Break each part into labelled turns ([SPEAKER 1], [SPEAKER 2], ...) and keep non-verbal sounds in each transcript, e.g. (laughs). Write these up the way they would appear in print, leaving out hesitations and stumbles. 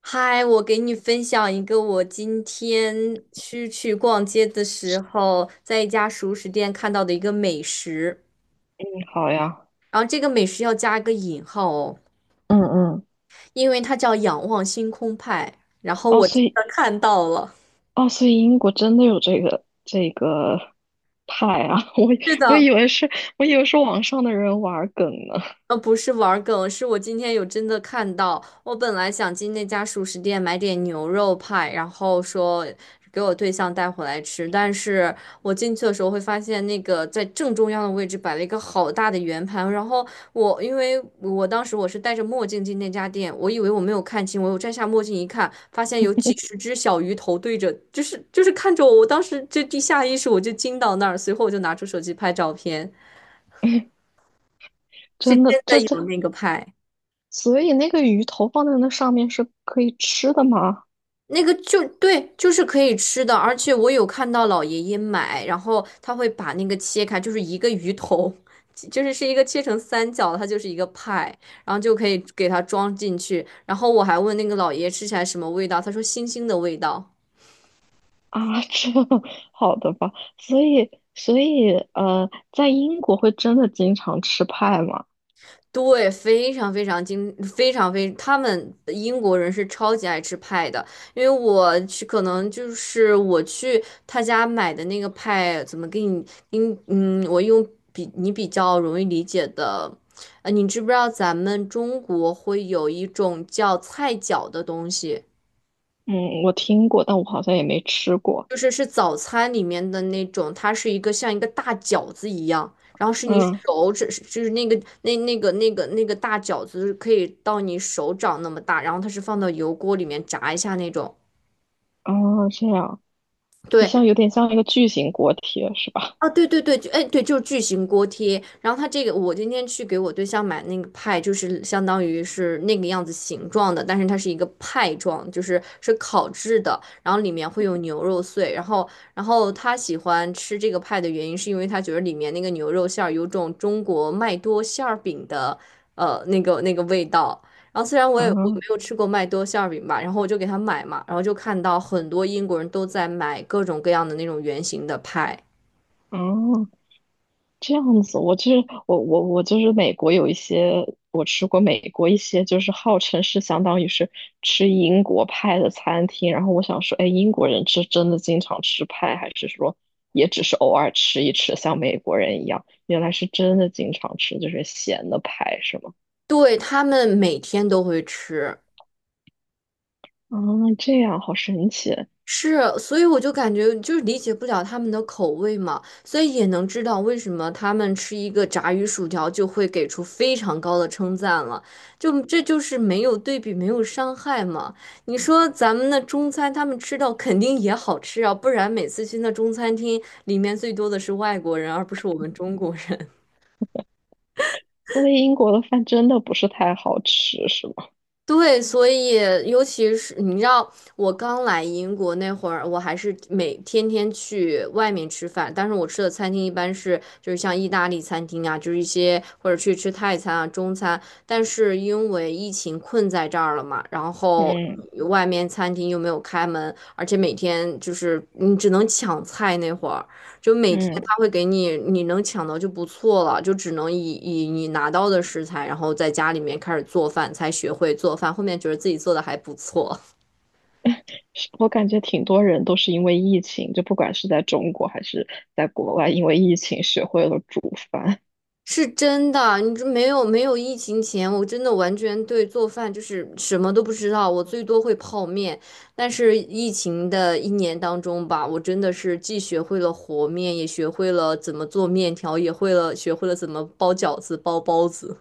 [SPEAKER 1] 嗨，我给你分享一个我今天去逛街的时候，在一家熟食店看到的一个美食，
[SPEAKER 2] 嗯好呀。
[SPEAKER 1] 然后这个美食要加一个引号哦，
[SPEAKER 2] 嗯嗯，
[SPEAKER 1] 因为它叫仰望星空派，然后
[SPEAKER 2] 哦，
[SPEAKER 1] 我真
[SPEAKER 2] 所以
[SPEAKER 1] 的看到了。
[SPEAKER 2] 哦，所以英国真的有这个派啊！(laughs)
[SPEAKER 1] 是
[SPEAKER 2] 我
[SPEAKER 1] 的，
[SPEAKER 2] 以为是，我以为是网上的人玩梗呢。
[SPEAKER 1] 不是玩儿梗，是我今天有真的看到。我本来想进那家熟食店买点牛肉派，然后说给我对象带回来吃，但是我进去的时候会发现那个在正中央的位置摆了一个好大的圆盘，然后我因为我当时我是戴着墨镜进那家店，我以为我没有看清，我又摘下墨镜一看，发现有几十只小鱼头对着，就是看着我，我当时就地下意识我就惊到那儿，随后我就拿出手机拍照片，
[SPEAKER 2] (laughs)
[SPEAKER 1] 是
[SPEAKER 2] 真
[SPEAKER 1] 真
[SPEAKER 2] 的，
[SPEAKER 1] 的有那个派。
[SPEAKER 2] 所以那个鱼头放在那上面是可以吃的吗？
[SPEAKER 1] 那个就对，就是可以吃的，而且我有看到老爷爷买，然后他会把那个切开，就是一个鱼头，(laughs) 就是是一个切成三角，它就是一个派，然后就可以给它装进去。然后我还问那个老爷爷吃起来什么味道，他说腥腥的味道。
[SPEAKER 2] (laughs) 啊，这 (laughs) 好的吧。所以,在英国会真的经常吃派吗？
[SPEAKER 1] 对，非常非常精，非常非，他们英国人是超级爱吃派的，因为我去，可能就是我去他家买的那个派，怎么给你，给你嗯，我用比你比较容易理解的，你知不知道咱们中国会有一种叫菜饺的东西？
[SPEAKER 2] 嗯，我听过，但我好像也没吃过。
[SPEAKER 1] 就是是早餐里面的那种，它是一个像一个大饺子一样，然后是你
[SPEAKER 2] 嗯，
[SPEAKER 1] 手指，就是那个大饺子可以到你手掌那么大，然后它是放到油锅里面炸一下那种。
[SPEAKER 2] 哦，这样，就
[SPEAKER 1] 对，
[SPEAKER 2] 像有点像一个巨型锅贴是吧？
[SPEAKER 1] 啊，对对对，就哎对，就是巨型锅贴。然后它这个，我今天去给我对象买那个派，就是相当于是那个样子形状的，但是它是一个派状，就是是烤制的，然后里面会有牛肉碎。然后他喜欢吃这个派的原因，是因为他觉得里面那个牛肉馅儿有种中国麦多馅儿饼的味道。然后虽然我没
[SPEAKER 2] 啊
[SPEAKER 1] 有吃过麦多馅儿饼吧，然后我就给他买嘛，然后就看到很多英国人都在买各种各样的那种圆形的派。
[SPEAKER 2] 嗯，这样子，我就是美国有一些，我吃过美国一些就是号称是相当于是吃英国派的餐厅，然后我想说，哎，英国人是真的经常吃派，还是说也只是偶尔吃一吃，像美国人一样？原来是真的经常吃，就是咸的派，是吗？
[SPEAKER 1] 对，他们每天都会吃，
[SPEAKER 2] 啊，这样好神奇，
[SPEAKER 1] 是，所以我就感觉就是理解不了他们的口味嘛，所以也能知道为什么他们吃一个炸鱼薯条就会给出非常高的称赞了，就这就是没有对比，没有伤害嘛。你说咱们的中餐，他们吃到肯定也好吃啊，不然每次去那中餐厅里面最多的是外国人，而不是我们中国人。
[SPEAKER 2] 所以英国的饭真的不是太好吃，是吗？
[SPEAKER 1] 对，所以尤其是你知道，我刚来英国那会儿，我还是每天去外面吃饭，但是我吃的餐厅一般是就是像意大利餐厅啊，就是一些或者去吃泰餐啊、中餐。但是因为疫情困在这儿了嘛，然后
[SPEAKER 2] 嗯
[SPEAKER 1] 外面餐厅又没有开门，而且每天就是你只能抢菜那会儿。就每天
[SPEAKER 2] 嗯。
[SPEAKER 1] 他会给你，你能抢到就不错了，就只能以你拿到的食材，然后在家里面开始做饭，才学会做饭。后面觉得自己做的还不错，
[SPEAKER 2] 是我感觉挺多人都是因为疫情，就不管是在中国还是在国外，因为疫情学会了煮饭。
[SPEAKER 1] (laughs) 是真的。你这没有疫情前，我真的完全对做饭就是什么都不知道，我最多会泡面。但是疫情的一年当中吧，我真的是既学会了和面，也学会了怎么做面条，也会了学会了怎么包饺子、包包子。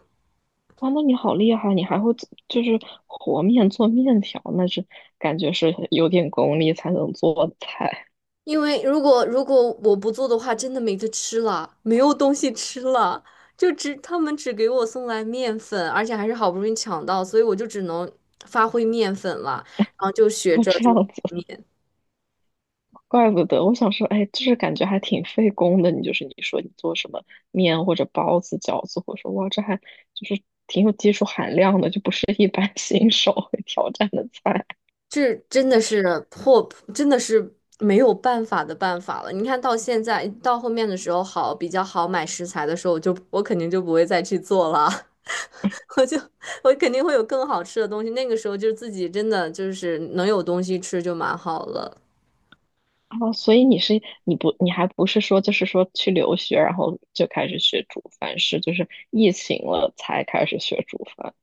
[SPEAKER 2] 哇，那你好厉害，你还会做就是和面做面条，那是感觉是有点功力才能做的菜。
[SPEAKER 1] 因为如果我不做的话，真的没得吃了，没有东西吃了，就只他们只给我送来面粉，而且还是好不容易抢到，所以我就只能发挥面粉了，然后就学
[SPEAKER 2] 哦，
[SPEAKER 1] 着
[SPEAKER 2] 这
[SPEAKER 1] 就
[SPEAKER 2] 样
[SPEAKER 1] 和
[SPEAKER 2] 子，
[SPEAKER 1] 面，
[SPEAKER 2] 怪不得我想说，哎，就是感觉还挺费工的。你就是你说你做什么面或者包子、饺子，我说哇，这还就是挺有技术含量的，就不是一般 (laughs) 新手会挑战的菜。
[SPEAKER 1] 这真的是破，真的是没有办法的办法了。你看到现在到后面的时候好比较好买食材的时候，我肯定就不会再去做了，(laughs) 我就我肯定会有更好吃的东西。那个时候就是自己真的就是能有东西吃就蛮好了。
[SPEAKER 2] 哦，所以你还不是说就是说去留学，然后就开始学煮饭，是就是疫情了才开始学煮饭。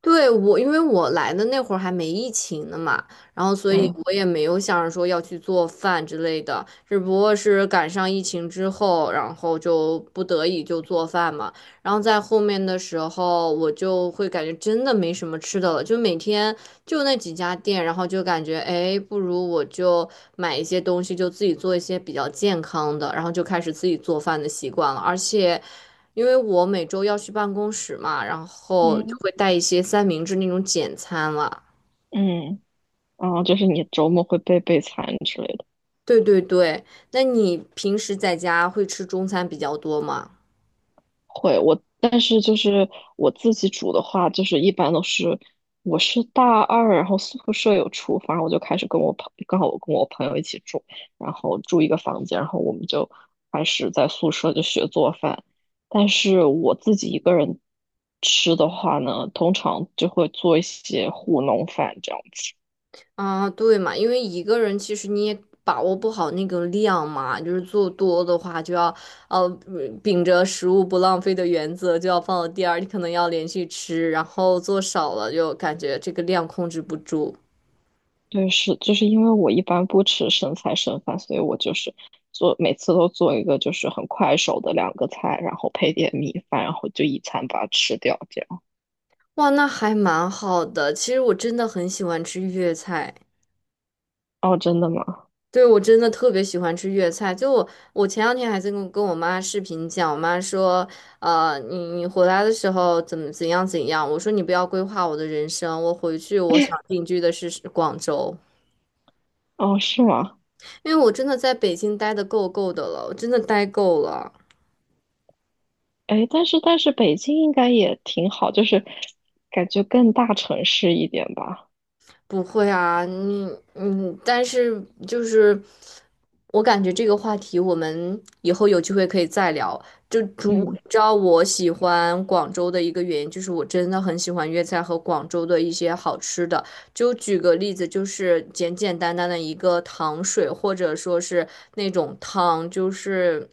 [SPEAKER 1] 对，我，因为我来的那会儿还没疫情呢嘛，然后所以
[SPEAKER 2] 嗯
[SPEAKER 1] 我也没有想着说要去做饭之类的，只不过是赶上疫情之后，然后就不得已就做饭嘛。然后在后面的时候，我就会感觉真的没什么吃的了，就每天就那几家店，然后就感觉，哎，不如我就买一些东西，就自己做一些比较健康的，然后就开始自己做饭的习惯了，而且。因为我每周要去办公室嘛，然后就
[SPEAKER 2] 嗯。
[SPEAKER 1] 会带一些三明治那种简餐了。
[SPEAKER 2] 嗯，哦，就是你周末会备餐之类的。
[SPEAKER 1] 对对对，那你平时在家会吃中餐比较多吗？
[SPEAKER 2] 会，我但是就是我自己煮的话，就是一般都是我是大二，然后宿舍有厨房，我就开始跟我朋，刚好我跟我朋友一起住，然后住一个房间，然后我们就开始在宿舍就学做饭。但是我自己一个人吃的话呢，通常就会做一些糊弄饭这样。
[SPEAKER 1] 啊，对嘛，因为一个人其实你也把握不好那个量嘛，就是做多的话就要呃秉着食物不浪费的原则就要放到第二，你可能要连续吃，然后做少了就感觉这个量控制不住。
[SPEAKER 2] 对，是，就是因为我一般不吃剩菜剩饭，所以我就是做每次都做一个就是很快手的两个菜，然后配点米饭，然后就一餐把它吃掉，这样。
[SPEAKER 1] 哇，那还蛮好的。其实我真的很喜欢吃粤菜。
[SPEAKER 2] 哦，真的吗？
[SPEAKER 1] 对，我真的特别喜欢吃粤菜。就我，我前两天还在跟我妈视频讲，我妈说，你回来的时候怎么怎样怎样？我说你不要规划我的人生，我回去我想定居的是广州，
[SPEAKER 2] 哦，是吗？
[SPEAKER 1] 因为我真的在北京待的够够的了，我真的待够了。
[SPEAKER 2] 哎，但是北京应该也挺好，就是感觉更大城市一点吧。
[SPEAKER 1] 不会啊，你嗯，但是就是我感觉这个话题我们以后有机会可以再聊。就主，
[SPEAKER 2] 嗯，
[SPEAKER 1] 你知道我喜欢广州的一个原因，就是我真的很喜欢粤菜和广州的一些好吃的。就举个例子，就是简简单单的一个糖水，或者说是那种汤，就是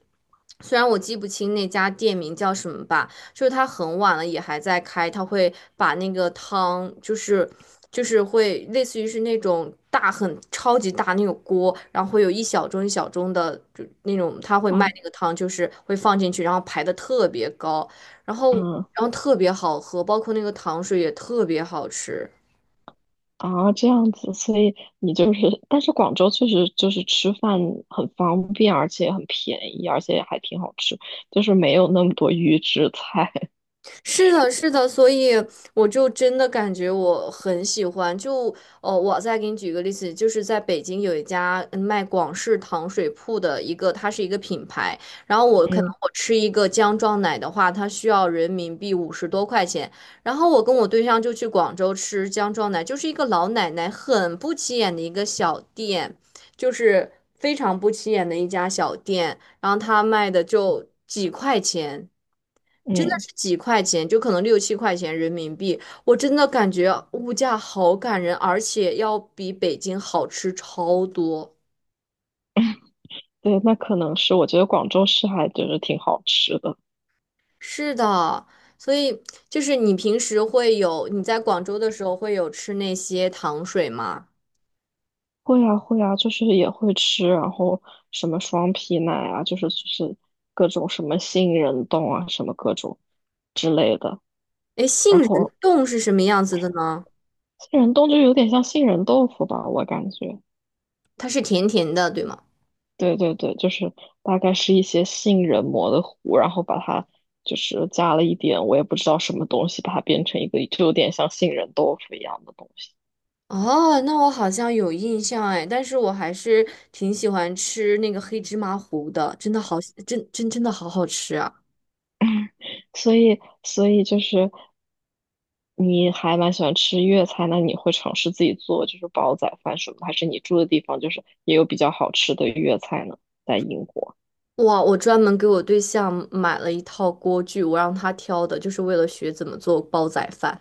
[SPEAKER 1] 虽然我记不清那家店名叫什么吧。就是它很晚了也还在开，它会把那个汤就是会类似于是那种大很超级大那种锅，然后会有一小盅一小盅的就那种，它会卖
[SPEAKER 2] 哦，
[SPEAKER 1] 那个汤，就是会放进去，然后排的特别高，然后
[SPEAKER 2] 嗯，
[SPEAKER 1] 特别好喝，包括那个糖水也特别好吃。
[SPEAKER 2] 啊，这样子，所以你就是，但是广州确实就是吃饭很方便，而且很便宜，而且还挺好吃，就是没有那么多预制菜。
[SPEAKER 1] 是的，是的，所以我就真的感觉我很喜欢。就哦，我再给你举个例子，就是在北京有一家嗯卖广式糖水铺的一个，它是一个品牌。然后我可能
[SPEAKER 2] 嗯
[SPEAKER 1] 我吃一个姜撞奶的话，它需要人民币50多块钱。然后我跟我对象就去广州吃姜撞奶，就是一个老奶奶很不起眼的一个小店，就是非常不起眼的一家小店。然后他卖的就几块钱。真的
[SPEAKER 2] 嗯，
[SPEAKER 1] 是几块钱，就可能六七块钱人民币，我真的感觉物价好感人，而且要比北京好吃超多。
[SPEAKER 2] 对，那可能是，我觉得广州市还就是挺好吃的。
[SPEAKER 1] 是的，所以就是你平时会有，你在广州的时候会有吃那些糖水吗？
[SPEAKER 2] 会啊会啊，就是也会吃，然后什么双皮奶啊，就是各种什么杏仁冻啊，什么各种之类的。
[SPEAKER 1] 哎，杏
[SPEAKER 2] 然
[SPEAKER 1] 仁
[SPEAKER 2] 后
[SPEAKER 1] 冻是什么样子的呢？
[SPEAKER 2] 杏仁冻就有点像杏仁豆腐吧，我感觉。
[SPEAKER 1] 它是甜甜的，对吗？
[SPEAKER 2] 对对对，就是大概是一些杏仁磨的糊，然后把它就是加了一点，我也不知道什么东西，把它变成一个就有点像杏仁豆腐一样的东西。
[SPEAKER 1] 哦，那我好像有印象哎，但是我还是挺喜欢吃那个黑芝麻糊的，真的好，真的好好吃啊。
[SPEAKER 2] 所以就是。你还蛮喜欢吃粤菜，那你会尝试自己做就是煲仔饭什么的，还是你住的地方就是也有比较好吃的粤菜呢？在英国，
[SPEAKER 1] 哇，我专门给我对象买了一套锅具，我让他挑的，就是为了学怎么做煲仔饭。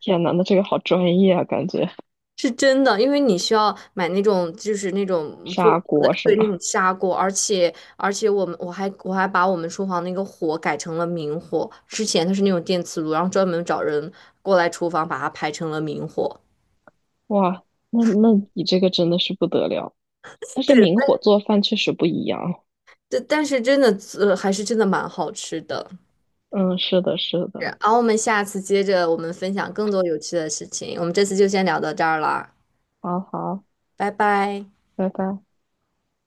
[SPEAKER 2] 天呐，那这个好专业啊，感觉
[SPEAKER 1] 是真的，因为你需要买那种，就是那种做
[SPEAKER 2] 砂
[SPEAKER 1] 煲仔，
[SPEAKER 2] 锅是
[SPEAKER 1] 对，那
[SPEAKER 2] 吗？
[SPEAKER 1] 种砂锅，而且我们我还把我们厨房那个火改成了明火，之前它是那种电磁炉，然后专门找人过来厨房把它排成了明火。
[SPEAKER 2] 哇，那你这个真的是不得了，但是
[SPEAKER 1] 对，
[SPEAKER 2] 明火做饭确实不一样。
[SPEAKER 1] 但是真的，还是真的蛮好吃的。
[SPEAKER 2] 嗯，是的，是
[SPEAKER 1] 是，
[SPEAKER 2] 的，
[SPEAKER 1] 然后我们下次接着我们分享更多有趣的事情，我们这次就先聊到这儿了。
[SPEAKER 2] 好好，
[SPEAKER 1] 拜拜。
[SPEAKER 2] 拜拜。